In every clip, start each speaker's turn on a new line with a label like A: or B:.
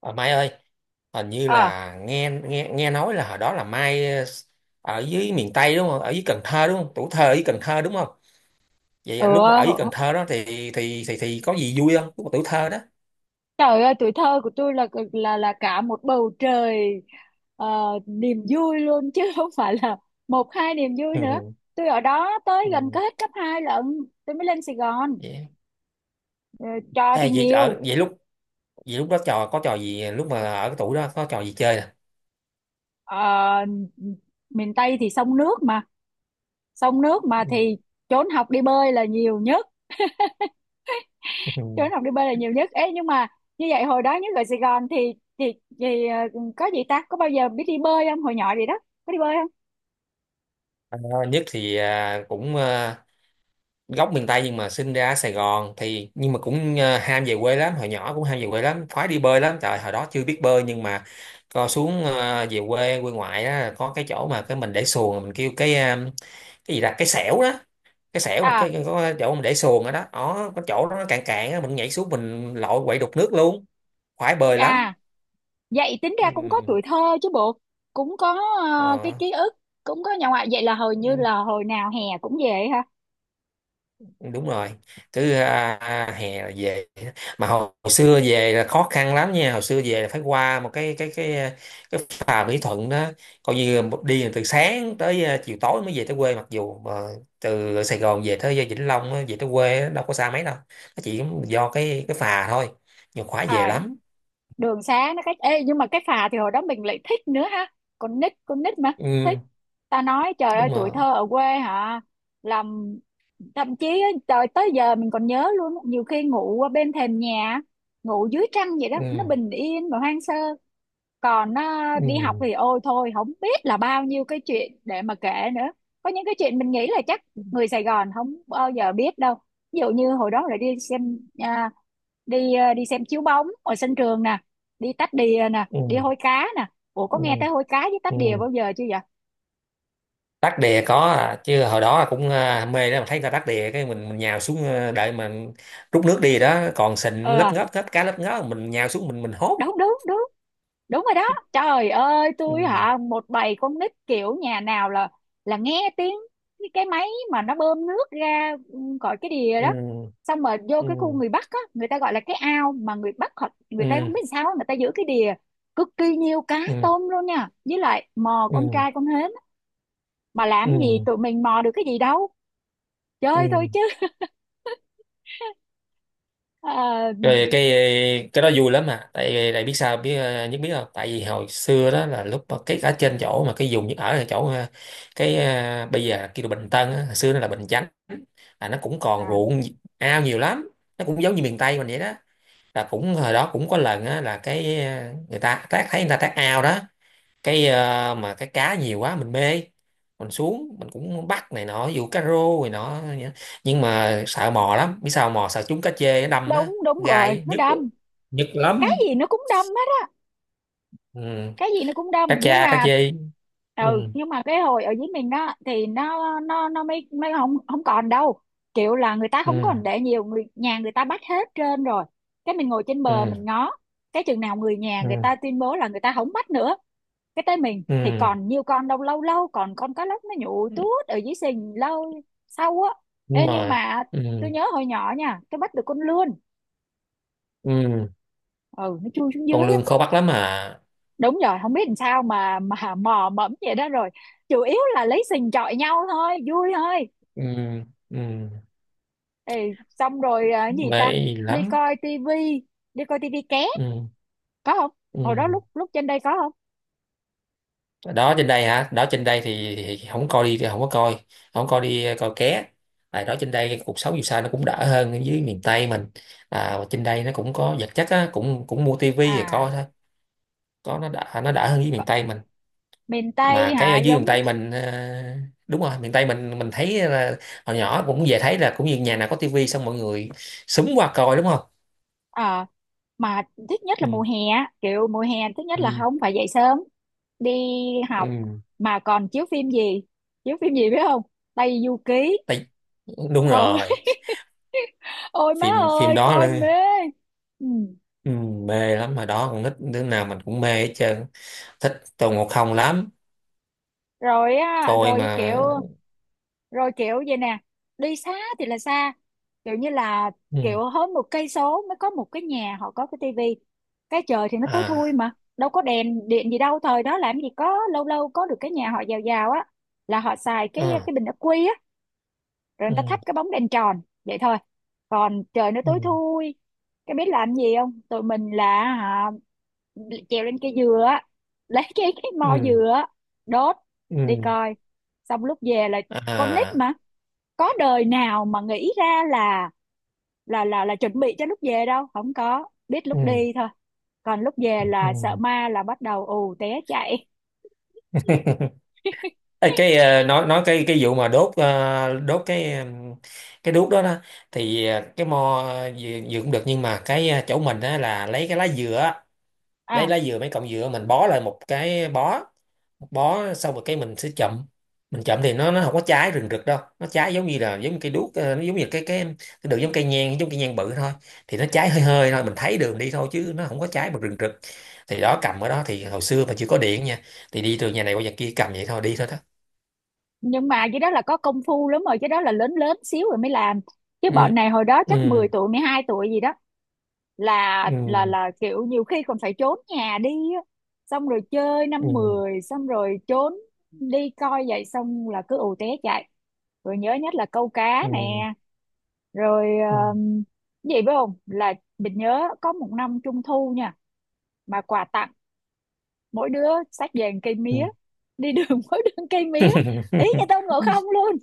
A: Ờ, Mai ơi, hình như
B: À,
A: là nghe nghe nghe nói là hồi đó là Mai ở dưới miền Tây đúng không? Ở dưới Cần Thơ đúng không? Tuổi thơ ở dưới Cần Thơ đúng không? Vậy là lúc mà ở dưới Cần
B: ừ,
A: Thơ đó thì thì có gì vui không? Lúc mà tuổi thơ đó.
B: trời ơi, tuổi thơ của tôi là cả một bầu trời ờ, niềm vui luôn chứ không phải là một hai niềm vui nữa.
A: Ừ.
B: Tôi ở đó tới gần
A: Ừ.
B: có hết cấp 2 lận, tôi mới lên Sài Gòn.
A: Vậy.
B: Ờ, Trò thì
A: Ê, vậy
B: nhiều.
A: ở vậy lúc đó trò có trò gì lúc mà ở cái tuổi đó có trò gì chơi nè?
B: Ờ, Miền Tây thì sông nước mà
A: Ừ.
B: thì trốn học đi bơi là nhiều nhất, trốn
A: Ừ.
B: học đi bơi là nhiều nhất. Ê, nhưng mà như vậy hồi đó nhất ở Sài Gòn thì có gì ta? Có bao giờ biết đi bơi không? Hồi nhỏ gì đó, có đi bơi không?
A: Ờ, nhất thì cũng gốc miền Tây nhưng mà sinh ra ở Sài Gòn thì nhưng mà cũng ham về quê lắm, hồi nhỏ cũng ham về quê lắm, khoái đi bơi lắm. Trời, hồi đó chưa biết bơi nhưng mà co xuống về quê, quê ngoại á, có cái chỗ mà cái mình để xuồng mình kêu cái cái gì là cái xẻo đó, cái xẻo mà
B: À,
A: cái có cái chỗ mình để xuồng ở đó đó, có chỗ đó nó cạn cạn á, mình nhảy xuống mình lội quậy đục nước luôn, khoái bơi lắm.
B: à, vậy tính ra cũng có
A: Ừ.
B: tuổi thơ chứ bộ, cũng có cái
A: Ờ.
B: ký ức, cũng có nhà ngoại. Vậy là hồi như là hồi nào hè cũng về ha.
A: Đúng rồi, cứ hè là về, mà hồi xưa về là khó khăn lắm nha, hồi xưa về là phải qua một cái cái cái phà Mỹ Thuận đó, coi như đi từ sáng tới chiều tối mới về tới quê, mặc dù mà từ Sài Gòn về tới Vĩnh Long á, về tới quê á, đâu có xa mấy đâu, nó chỉ do cái phà thôi, nhiều khóa về
B: À,
A: lắm.
B: đường xá nó cách. Ê nhưng mà cái phà thì hồi đó mình lại thích nữa ha. Con nít mà thích.
A: Ừ.
B: Ta nói trời ơi
A: Đúng
B: tuổi
A: rồi.
B: thơ ở quê hả? Làm thậm chí á, trời tới giờ mình còn nhớ luôn, á, nhiều khi ngủ ở bên thềm nhà, ngủ dưới trăng vậy đó, nó
A: Ừ,
B: bình yên và hoang sơ. Còn đi học
A: ừ.
B: thì ôi thôi không biết là bao nhiêu cái chuyện để mà kể nữa. Có những cái chuyện mình nghĩ là chắc người Sài Gòn không bao giờ biết đâu, ví dụ như hồi đó là đi xem à, đi ờ, đi xem chiếu bóng ở sân trường nè, đi tách đìa nè, đi
A: Ừ.
B: hôi cá nè. Ủa, có
A: Ừ.
B: nghe tới hôi cá với
A: Ừ.
B: tách đìa
A: Ừ.
B: bao giờ chưa vậy?
A: Đắc đè có chứ hồi đó cũng mê đó, mà thấy người ta đắc đè cái mình nhào xuống đợi mà rút nước đi đó, còn sình
B: ờ
A: lấp ngóp hết, cá lấp ngóp mình nhào xuống mình hốt.
B: Đúng, đúng, đúng, đúng rồi đó. Trời ơi,
A: Ừ.
B: tôi hả, một bầy con nít kiểu nhà nào là nghe tiếng cái máy mà nó bơm nước ra khỏi cái đìa đó.
A: Ừ.
B: Xong rồi vô
A: Ừ.
B: cái khu người Bắc á, người ta gọi là cái ao. Mà người Bắc họ, người ta
A: Ừ.
B: không biết sao người ta giữ cái đìa cực kỳ nhiều cá
A: Ừ.
B: tôm luôn nha, với lại mò con
A: Ừ.
B: trai con hến. Mà làm gì
A: Ừ.
B: tụi mình mò được cái gì đâu, chơi thôi
A: Ừ.
B: chứ. Ờ,
A: Rồi cái đó vui lắm, mà tại tại biết sao biết, à, nhất biết không, tại vì hồi xưa đó là lúc mà cái ở trên chỗ mà cái vùng Nhất ở là chỗ cái bây giờ kêu là Bình Tân á, hồi xưa nó là Bình Chánh, là nó cũng còn
B: à,
A: ruộng ao nhiều lắm, nó cũng giống như miền Tây mình vậy đó, là cũng hồi đó cũng có lần á là cái người ta tác, thấy người ta tác ao đó, cái mà cái cá nhiều quá mình mê, mình xuống mình cũng bắt này nọ, dù cá rô này nọ, nhưng mà sợ mò lắm, biết sao mò sợ trúng cá chê nó đâm á,
B: Đúng, đúng rồi,
A: gai
B: nó
A: nhức,
B: đâm.
A: nhức
B: Cái
A: lắm.
B: gì nó cũng đâm hết,
A: Ừ.
B: cái gì nó cũng đông,
A: Cá
B: nhưng
A: cha cá
B: mà
A: chê. Ừ.
B: ừ nhưng mà cái hồi ở dưới mình đó thì nó mới mới không không còn đâu. Kiểu là người ta
A: Ừ.
B: không còn để nhiều, người nhà người ta bắt hết trên rồi. Cái mình ngồi trên bờ mình
A: Ừ.
B: ngó, cái chừng nào người nhà người
A: Ừ.
B: ta tuyên bố là người ta không bắt nữa, cái tới mình thì
A: Ừ.
B: còn nhiều con đâu, lâu lâu còn con cá lóc nó nhụ tuốt ở dưới sình lâu sau á.
A: Đúng
B: Ê, nhưng
A: rồi.
B: mà
A: Ừ.
B: tôi nhớ hồi nhỏ nha, tôi bắt được con lươn.
A: Ừ.
B: Ừ, nó chui xuống dưới.
A: Con lươn khó bắt lắm à.
B: Đúng rồi, không biết làm sao mà mò mẫm vậy đó rồi, chủ yếu là lấy sình chọi nhau thôi, vui thôi.
A: Ừ. Ừ.
B: Ê, xong rồi gì ta,
A: Mê lắm.
B: đi coi tivi, đi coi tivi ké
A: Ừ.
B: có không,
A: Ừ.
B: hồi đó lúc lúc trên đây có không?
A: Đó trên đây hả? Đó trên đây thì không coi đi, không có coi, không coi đi coi ké, tại đó trên đây cái cuộc sống dù sao nó cũng đỡ hơn ở dưới miền Tây mình, à, và trên đây nó cũng có vật chất á, cũng cũng mua tivi rồi coi
B: À,
A: thôi, có, nó đỡ hơn dưới
B: có.
A: miền Tây mình.
B: Miền Tây
A: Mà cái ở
B: hả,
A: dưới
B: giống
A: miền Tây mình đúng rồi, miền Tây mình thấy là hồi nhỏ cũng về thấy là cũng như nhà nào có tivi xong mọi người súng qua coi đúng không.
B: à, mà thích nhất là mùa
A: Ừ,
B: hè á. Kiểu mùa hè thích nhất là
A: ừ.
B: không phải dậy sớm đi học,
A: Ừ.
B: mà còn chiếu phim gì, chiếu phim gì biết không? Tây Du Ký.
A: Tại, đúng
B: ờ
A: rồi,
B: Ôi má
A: phim phim
B: ơi,
A: đó
B: coi mê.
A: là.
B: Ừ.
A: Ừ, mê lắm, mà đó con nít đứa nào mình cũng mê hết trơn, thích Tôn Ngộ Không lắm,
B: Rồi á,
A: coi
B: rồi
A: mà.
B: kiểu rồi kiểu vậy nè. Đi xa thì là xa, kiểu như là
A: Ừ.
B: kiểu hơn một cây số mới có một cái nhà họ có cái tivi. Cái trời thì nó tối thui
A: À.
B: mà đâu có đèn điện gì đâu, thời đó làm gì có, lâu lâu có được cái nhà họ giàu giàu á là họ xài cái
A: Ừ.
B: cái bình ắc quy á. Rồi người ta thắp
A: Ừ.
B: cái bóng đèn tròn vậy thôi, còn trời nó
A: Ừ.
B: tối thui. Cái biết làm gì không, tụi mình là hả, trèo lên cây dừa á, lấy cái mo
A: Ừ.
B: dừa á, đốt,
A: Ừ.
B: đi coi. Xong lúc về là, con nít
A: À.
B: mà, có đời nào mà nghĩ ra là chuẩn bị cho lúc về đâu, không có biết lúc
A: Ừ.
B: đi thôi, còn lúc về là sợ
A: Ừ.
B: ma là bắt đầu ù té chạy.
A: Ê, cái nói cái vụ mà đốt đốt cái cái đuốc đó đó, thì cái mo gì gì cũng được nhưng mà cái chỗ mình á là lấy cái lá dừa á, đây
B: à
A: lá dừa mấy cọng dừa mình bó lại một cái bó, một bó xong rồi cái mình sẽ chậm, mình chậm thì nó không có trái rừng rực đâu, nó trái giống như là giống như cây đuốc, nó giống như cái đường, giống cây nhang, giống cây nhang bự thôi, thì nó trái hơi hơi thôi, mình thấy đường đi thôi chứ nó không có trái mà rừng rực, thì đó cầm ở đó thì hồi xưa mà chưa có điện nha, thì đi từ nhà này qua nhà kia cầm vậy thôi, đi thôi đó.
B: nhưng mà cái đó là có công phu lắm rồi, cái đó là lớn lớn xíu rồi mới làm. Chứ bọn
A: Ừ.
B: này hồi đó
A: Ừ.
B: chắc 10 tuổi 12 tuổi gì đó là là
A: Ừ.
B: là kiểu nhiều khi còn phải trốn nhà đi á. Xong rồi chơi năm
A: Ừ.
B: mười xong rồi trốn, đi coi vậy xong là cứ ù té chạy. Rồi nhớ nhất là câu cá nè.
A: Ừ.
B: Rồi
A: Ừ.
B: um, cái gì biết không, là mình nhớ có một năm trung thu nha, mà quà tặng mỗi đứa xách về một cây
A: Ừ.
B: mía đi đường. Mỗi đứa một cây mía ý như Tôn Ngộ Không luôn.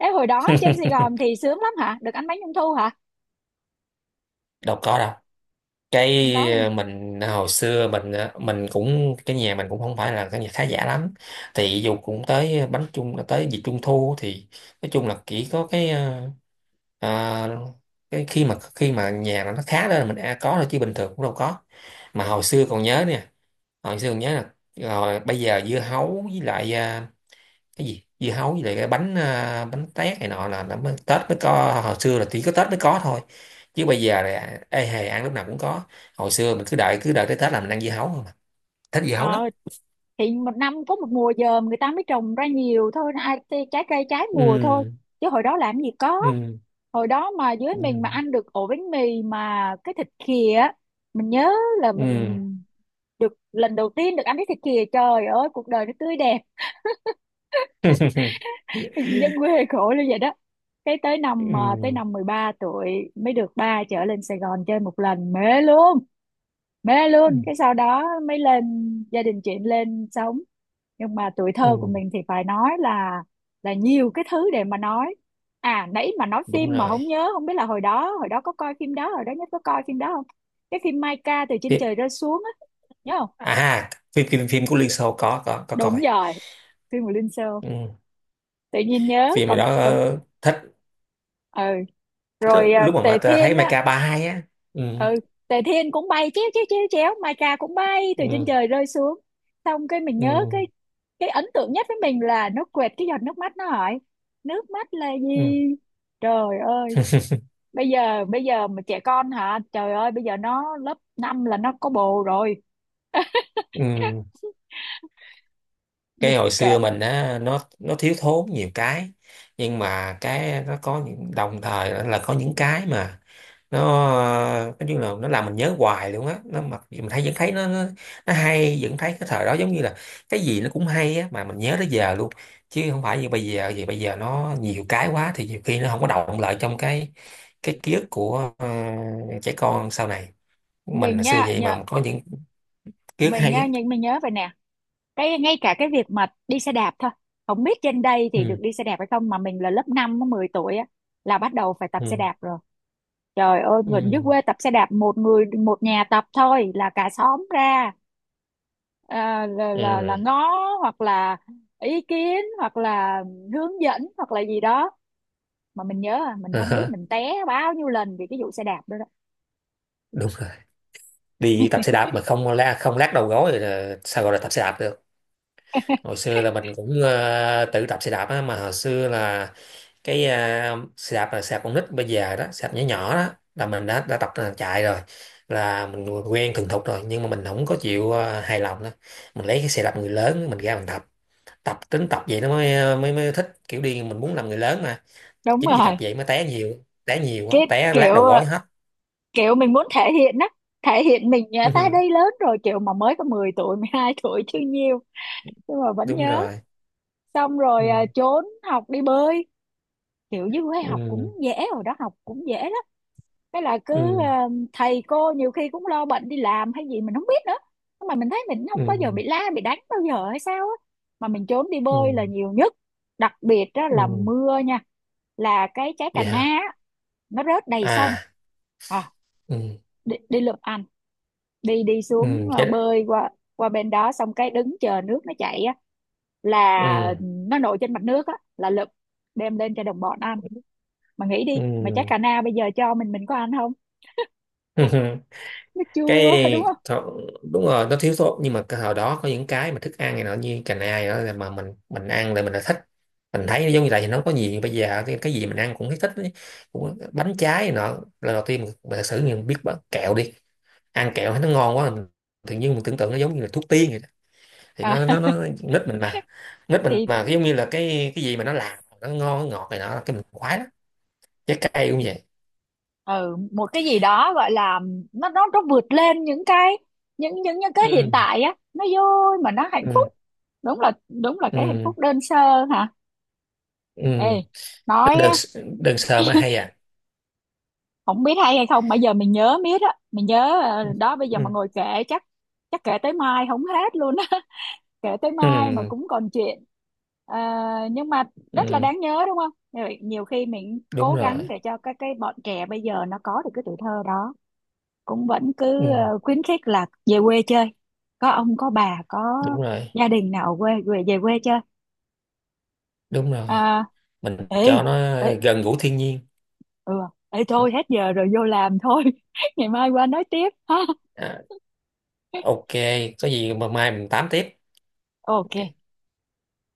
B: Thế hồi đó trên Sài Gòn thì sướng lắm hả? Được ăn bánh trung thu hả?
A: Đâu có đâu, cái
B: Không có luôn.
A: mình hồi xưa mình mình cũng cái nhà mình cũng không phải là cái nhà khá giả lắm, thì dù cũng tới bánh trung tới dịp trung thu thì nói chung là chỉ có cái ờ, cái khi mà nhà nó khá lên là mình đã có rồi, chứ bình thường cũng đâu có. Mà hồi xưa còn nhớ nè, hồi xưa còn nhớ là rồi bây giờ dưa hấu với lại cái gì dưa hấu với lại cái bánh bánh tét này nọ là mới, Tết mới có, hồi xưa là chỉ có Tết mới có thôi chứ bây giờ là ê hề ăn lúc nào cũng có. Hồi xưa mình cứ đợi tới Tết là mình ăn dưa hấu không à, thích dưa hấu lắm.
B: Ờ, thì một năm có một mùa dờm người ta mới trồng ra nhiều thôi, ai thì trái cây trái mùa thôi.
A: Ừ.
B: Chứ hồi đó làm gì có.
A: Ừ.
B: Hồi đó mà dưới mình
A: Ừ.
B: mà ăn được ổ bánh mì mà cái thịt khìa, á, mình nhớ là mình
A: Ừ.
B: được lần đầu tiên được ăn cái thịt khìa, trời ơi cuộc đời nó tươi đẹp. Dân quê khổ như vậy đó, cái tới năm à, tới
A: Ừ.
B: năm 13 tuổi mới được ba chở lên Sài Gòn chơi một lần mê luôn. Mê
A: Ừ.
B: luôn, cái sau đó mới lên, gia đình chuyển lên sống. Nhưng mà tuổi
A: Ừ.
B: thơ của mình thì phải nói là nhiều cái thứ để mà nói. À, nãy mà nói
A: Đúng
B: phim mà
A: rồi.
B: không nhớ, không biết là hồi đó có coi phim đó, hồi đó nhất có coi phim đó không, cái phim Mai Ca từ trên
A: Tiếp-
B: trời rơi xuống á, nhớ không?
A: à, phim phim phim của Liên Xô, có
B: Đúng
A: coi.
B: rồi, phim của Linh Sơ,
A: Ừ.
B: tự nhiên nhớ
A: Phim
B: còn.
A: đó thích,
B: Ừ,
A: thích
B: rồi
A: lúc mà
B: Tề
A: ta thấy
B: Thiên á.
A: Mecha 32 á. Ừ.
B: Ừ, Tề Thiên cũng bay chéo chéo chéo chéo, Mai Ca cũng bay từ trên
A: Ừ.
B: trời rơi xuống. Xong cái mình nhớ
A: Ừ.
B: cái ấn tượng nhất với mình là nó quệt cái giọt nước mắt nó hỏi nước mắt là
A: Ừ.
B: gì. Trời ơi, bây giờ mà trẻ con hả, trời ơi bây giờ nó lớp 5 là nó có bồ rồi.
A: Ừ.
B: Thì
A: Cái hồi
B: kệ.
A: xưa mình á, nó thiếu thốn nhiều cái, nhưng mà cái nó có những đồng thời là có những cái mà nó nói chung là nó làm mình nhớ hoài luôn á, nó mặc dù mình thấy vẫn thấy nó hay, vẫn thấy cái thời đó giống như là cái gì nó cũng hay á, mà mình nhớ tới giờ luôn, chứ không phải như bây giờ vì bây giờ nó nhiều cái quá thì nhiều khi nó không có động lại trong cái ký ức của trẻ con sau này, mình
B: Mình
A: hồi xưa
B: nha,
A: vậy
B: nhớ.
A: mà có những ký ức
B: Mình
A: hay á.
B: nha, nhưng mình nhớ vậy nè, cái ngay cả cái việc mà đi xe đạp thôi, không biết trên đây thì được
A: Ừ.
B: đi xe đạp hay không, mà mình là lớp 5 10 tuổi á là bắt đầu phải tập xe
A: Ừ.
B: đạp rồi. Trời ơi mình dưới
A: Ừ.
B: quê tập xe đạp một người một nhà tập thôi là cả xóm ra, là
A: Ừ.
B: ngó, hoặc là ý kiến, hoặc là hướng dẫn, hoặc là gì đó. Mà mình nhớ mình
A: Ờ
B: không biết
A: hả,
B: mình té bao nhiêu lần vì cái vụ xe đạp đó, đó.
A: đúng, đi tập xe đạp mà không la không lát đầu gối rồi là sao gọi là tập xe đạp được. Hồi xưa là mình cũng tự tập xe đạp á, mà hồi xưa là cái xe đạp là xe đạp con nít bây giờ đó, xe đạp nhỏ nhỏ đó là mình đã tập là chạy rồi, là mình quen thuần thục rồi nhưng mà mình không có chịu, hài lòng đó, mình lấy cái xe đạp người lớn mình ra mình tập, tập tính tập vậy nó mới mới mới thích kiểu đi, mình muốn làm người lớn mà,
B: Đúng
A: chính vì tập
B: rồi.
A: vậy mới té nhiều, té nhiều quá
B: Cái
A: té lát
B: kiểu
A: đầu gối hết.
B: kiểu mình muốn thể hiện á, thể hiện mình nhớ, ta đây lớn rồi, kiểu mà mới có 10 tuổi 12 tuổi chưa nhiều nhưng mà vẫn
A: Đúng
B: nhớ.
A: rồi.
B: Xong
A: Ừ.
B: rồi trốn học đi bơi, kiểu dưới quê học cũng
A: Ừ.
B: dễ rồi đó, học cũng dễ lắm. Cái là cứ
A: Ừ.
B: thầy cô nhiều khi cũng lo bận đi làm hay gì mình không biết nữa, nhưng mà mình thấy mình không bao giờ
A: Ừ.
B: bị la bị đánh bao giờ hay sao á. Mà mình trốn đi
A: Ừ.
B: bơi là nhiều nhất, đặc biệt đó là
A: Ừ.
B: mưa nha, là cái trái cà
A: Vậy
B: na
A: hả.
B: á, nó rớt đầy sông.
A: À.
B: à
A: Ừ.
B: đi lượm đi đi
A: Ừ.
B: xuống
A: Cái.
B: bơi qua qua bên đó, xong cái đứng chờ nước nó chảy á là
A: Ừ.
B: nó nổi trên mặt nước á là lụp, đem lên cho đồng bọn ăn. Mà nghĩ đi mà chắc
A: Ừ.
B: cà na bây giờ cho mình có ăn không? Nó
A: Cái
B: chua, đúng không?
A: thọ- đúng rồi, nó thiếu sót nhưng mà cái hồi đó có những cái mà thức ăn này nọ như cành ai đó là, mà mình ăn là mình đã thích, mình thấy giống như là nó có gì bây giờ, cái gì mình ăn cũng thấy thích ấy, cũng bánh trái này nọ. Lần đầu tiên mình thật sự mình biết bánh kẹo đi ăn kẹo thấy nó ngon quá, mình tự nhiên mình tưởng tượng nó giống như là thuốc tiên vậy đó. Thì
B: à,
A: nó nít mình mà, nít mình
B: thì
A: mà giống như là cái gì mà nó làm nó ngon nó ngọt này nọ là cái mình khoái lắm, trái cây cũng vậy.
B: ừ, một cái gì đó gọi là, nó vượt lên những cái, những cái hiện
A: Ừ.
B: tại á, nó vui mà nó hạnh
A: Ừ.
B: phúc. Đúng là cái hạnh
A: Ừ.
B: phúc đơn sơ hả.
A: Ừ.
B: Ê, nói,
A: Đừng, đừng sợ mà hay à.
B: không biết hay hay không, bây giờ mình nhớ miết á, mình nhớ
A: Ừ.
B: đó bây giờ
A: Ừ.
B: mà ngồi kể chắc chắc kể tới mai không hết luôn á. Kể tới mai mà
A: Ừ.
B: cũng còn chuyện. Ờ, nhưng mà rất là
A: Ừ.
B: đáng nhớ đúng không? Rồi nhiều khi mình cố
A: Đúng rồi.
B: gắng để cho các cái bọn trẻ bây giờ nó có được cái tuổi thơ đó, cũng vẫn
A: Ừ.
B: cứ khuyến khích là về quê chơi, có ông có bà, có
A: Đúng rồi.
B: gia đình nào ở quê về về quê chơi.
A: Đúng rồi,
B: à,
A: mình
B: Ê,
A: cho nó
B: ê,
A: gần gũi thiên nhiên.
B: ừ ê,
A: Ừ.
B: thôi hết giờ rồi vô làm thôi. Ngày mai qua nói tiếp ha.
A: À, ok, có gì mà mai mình tám tiếp.
B: OK.
A: Ok.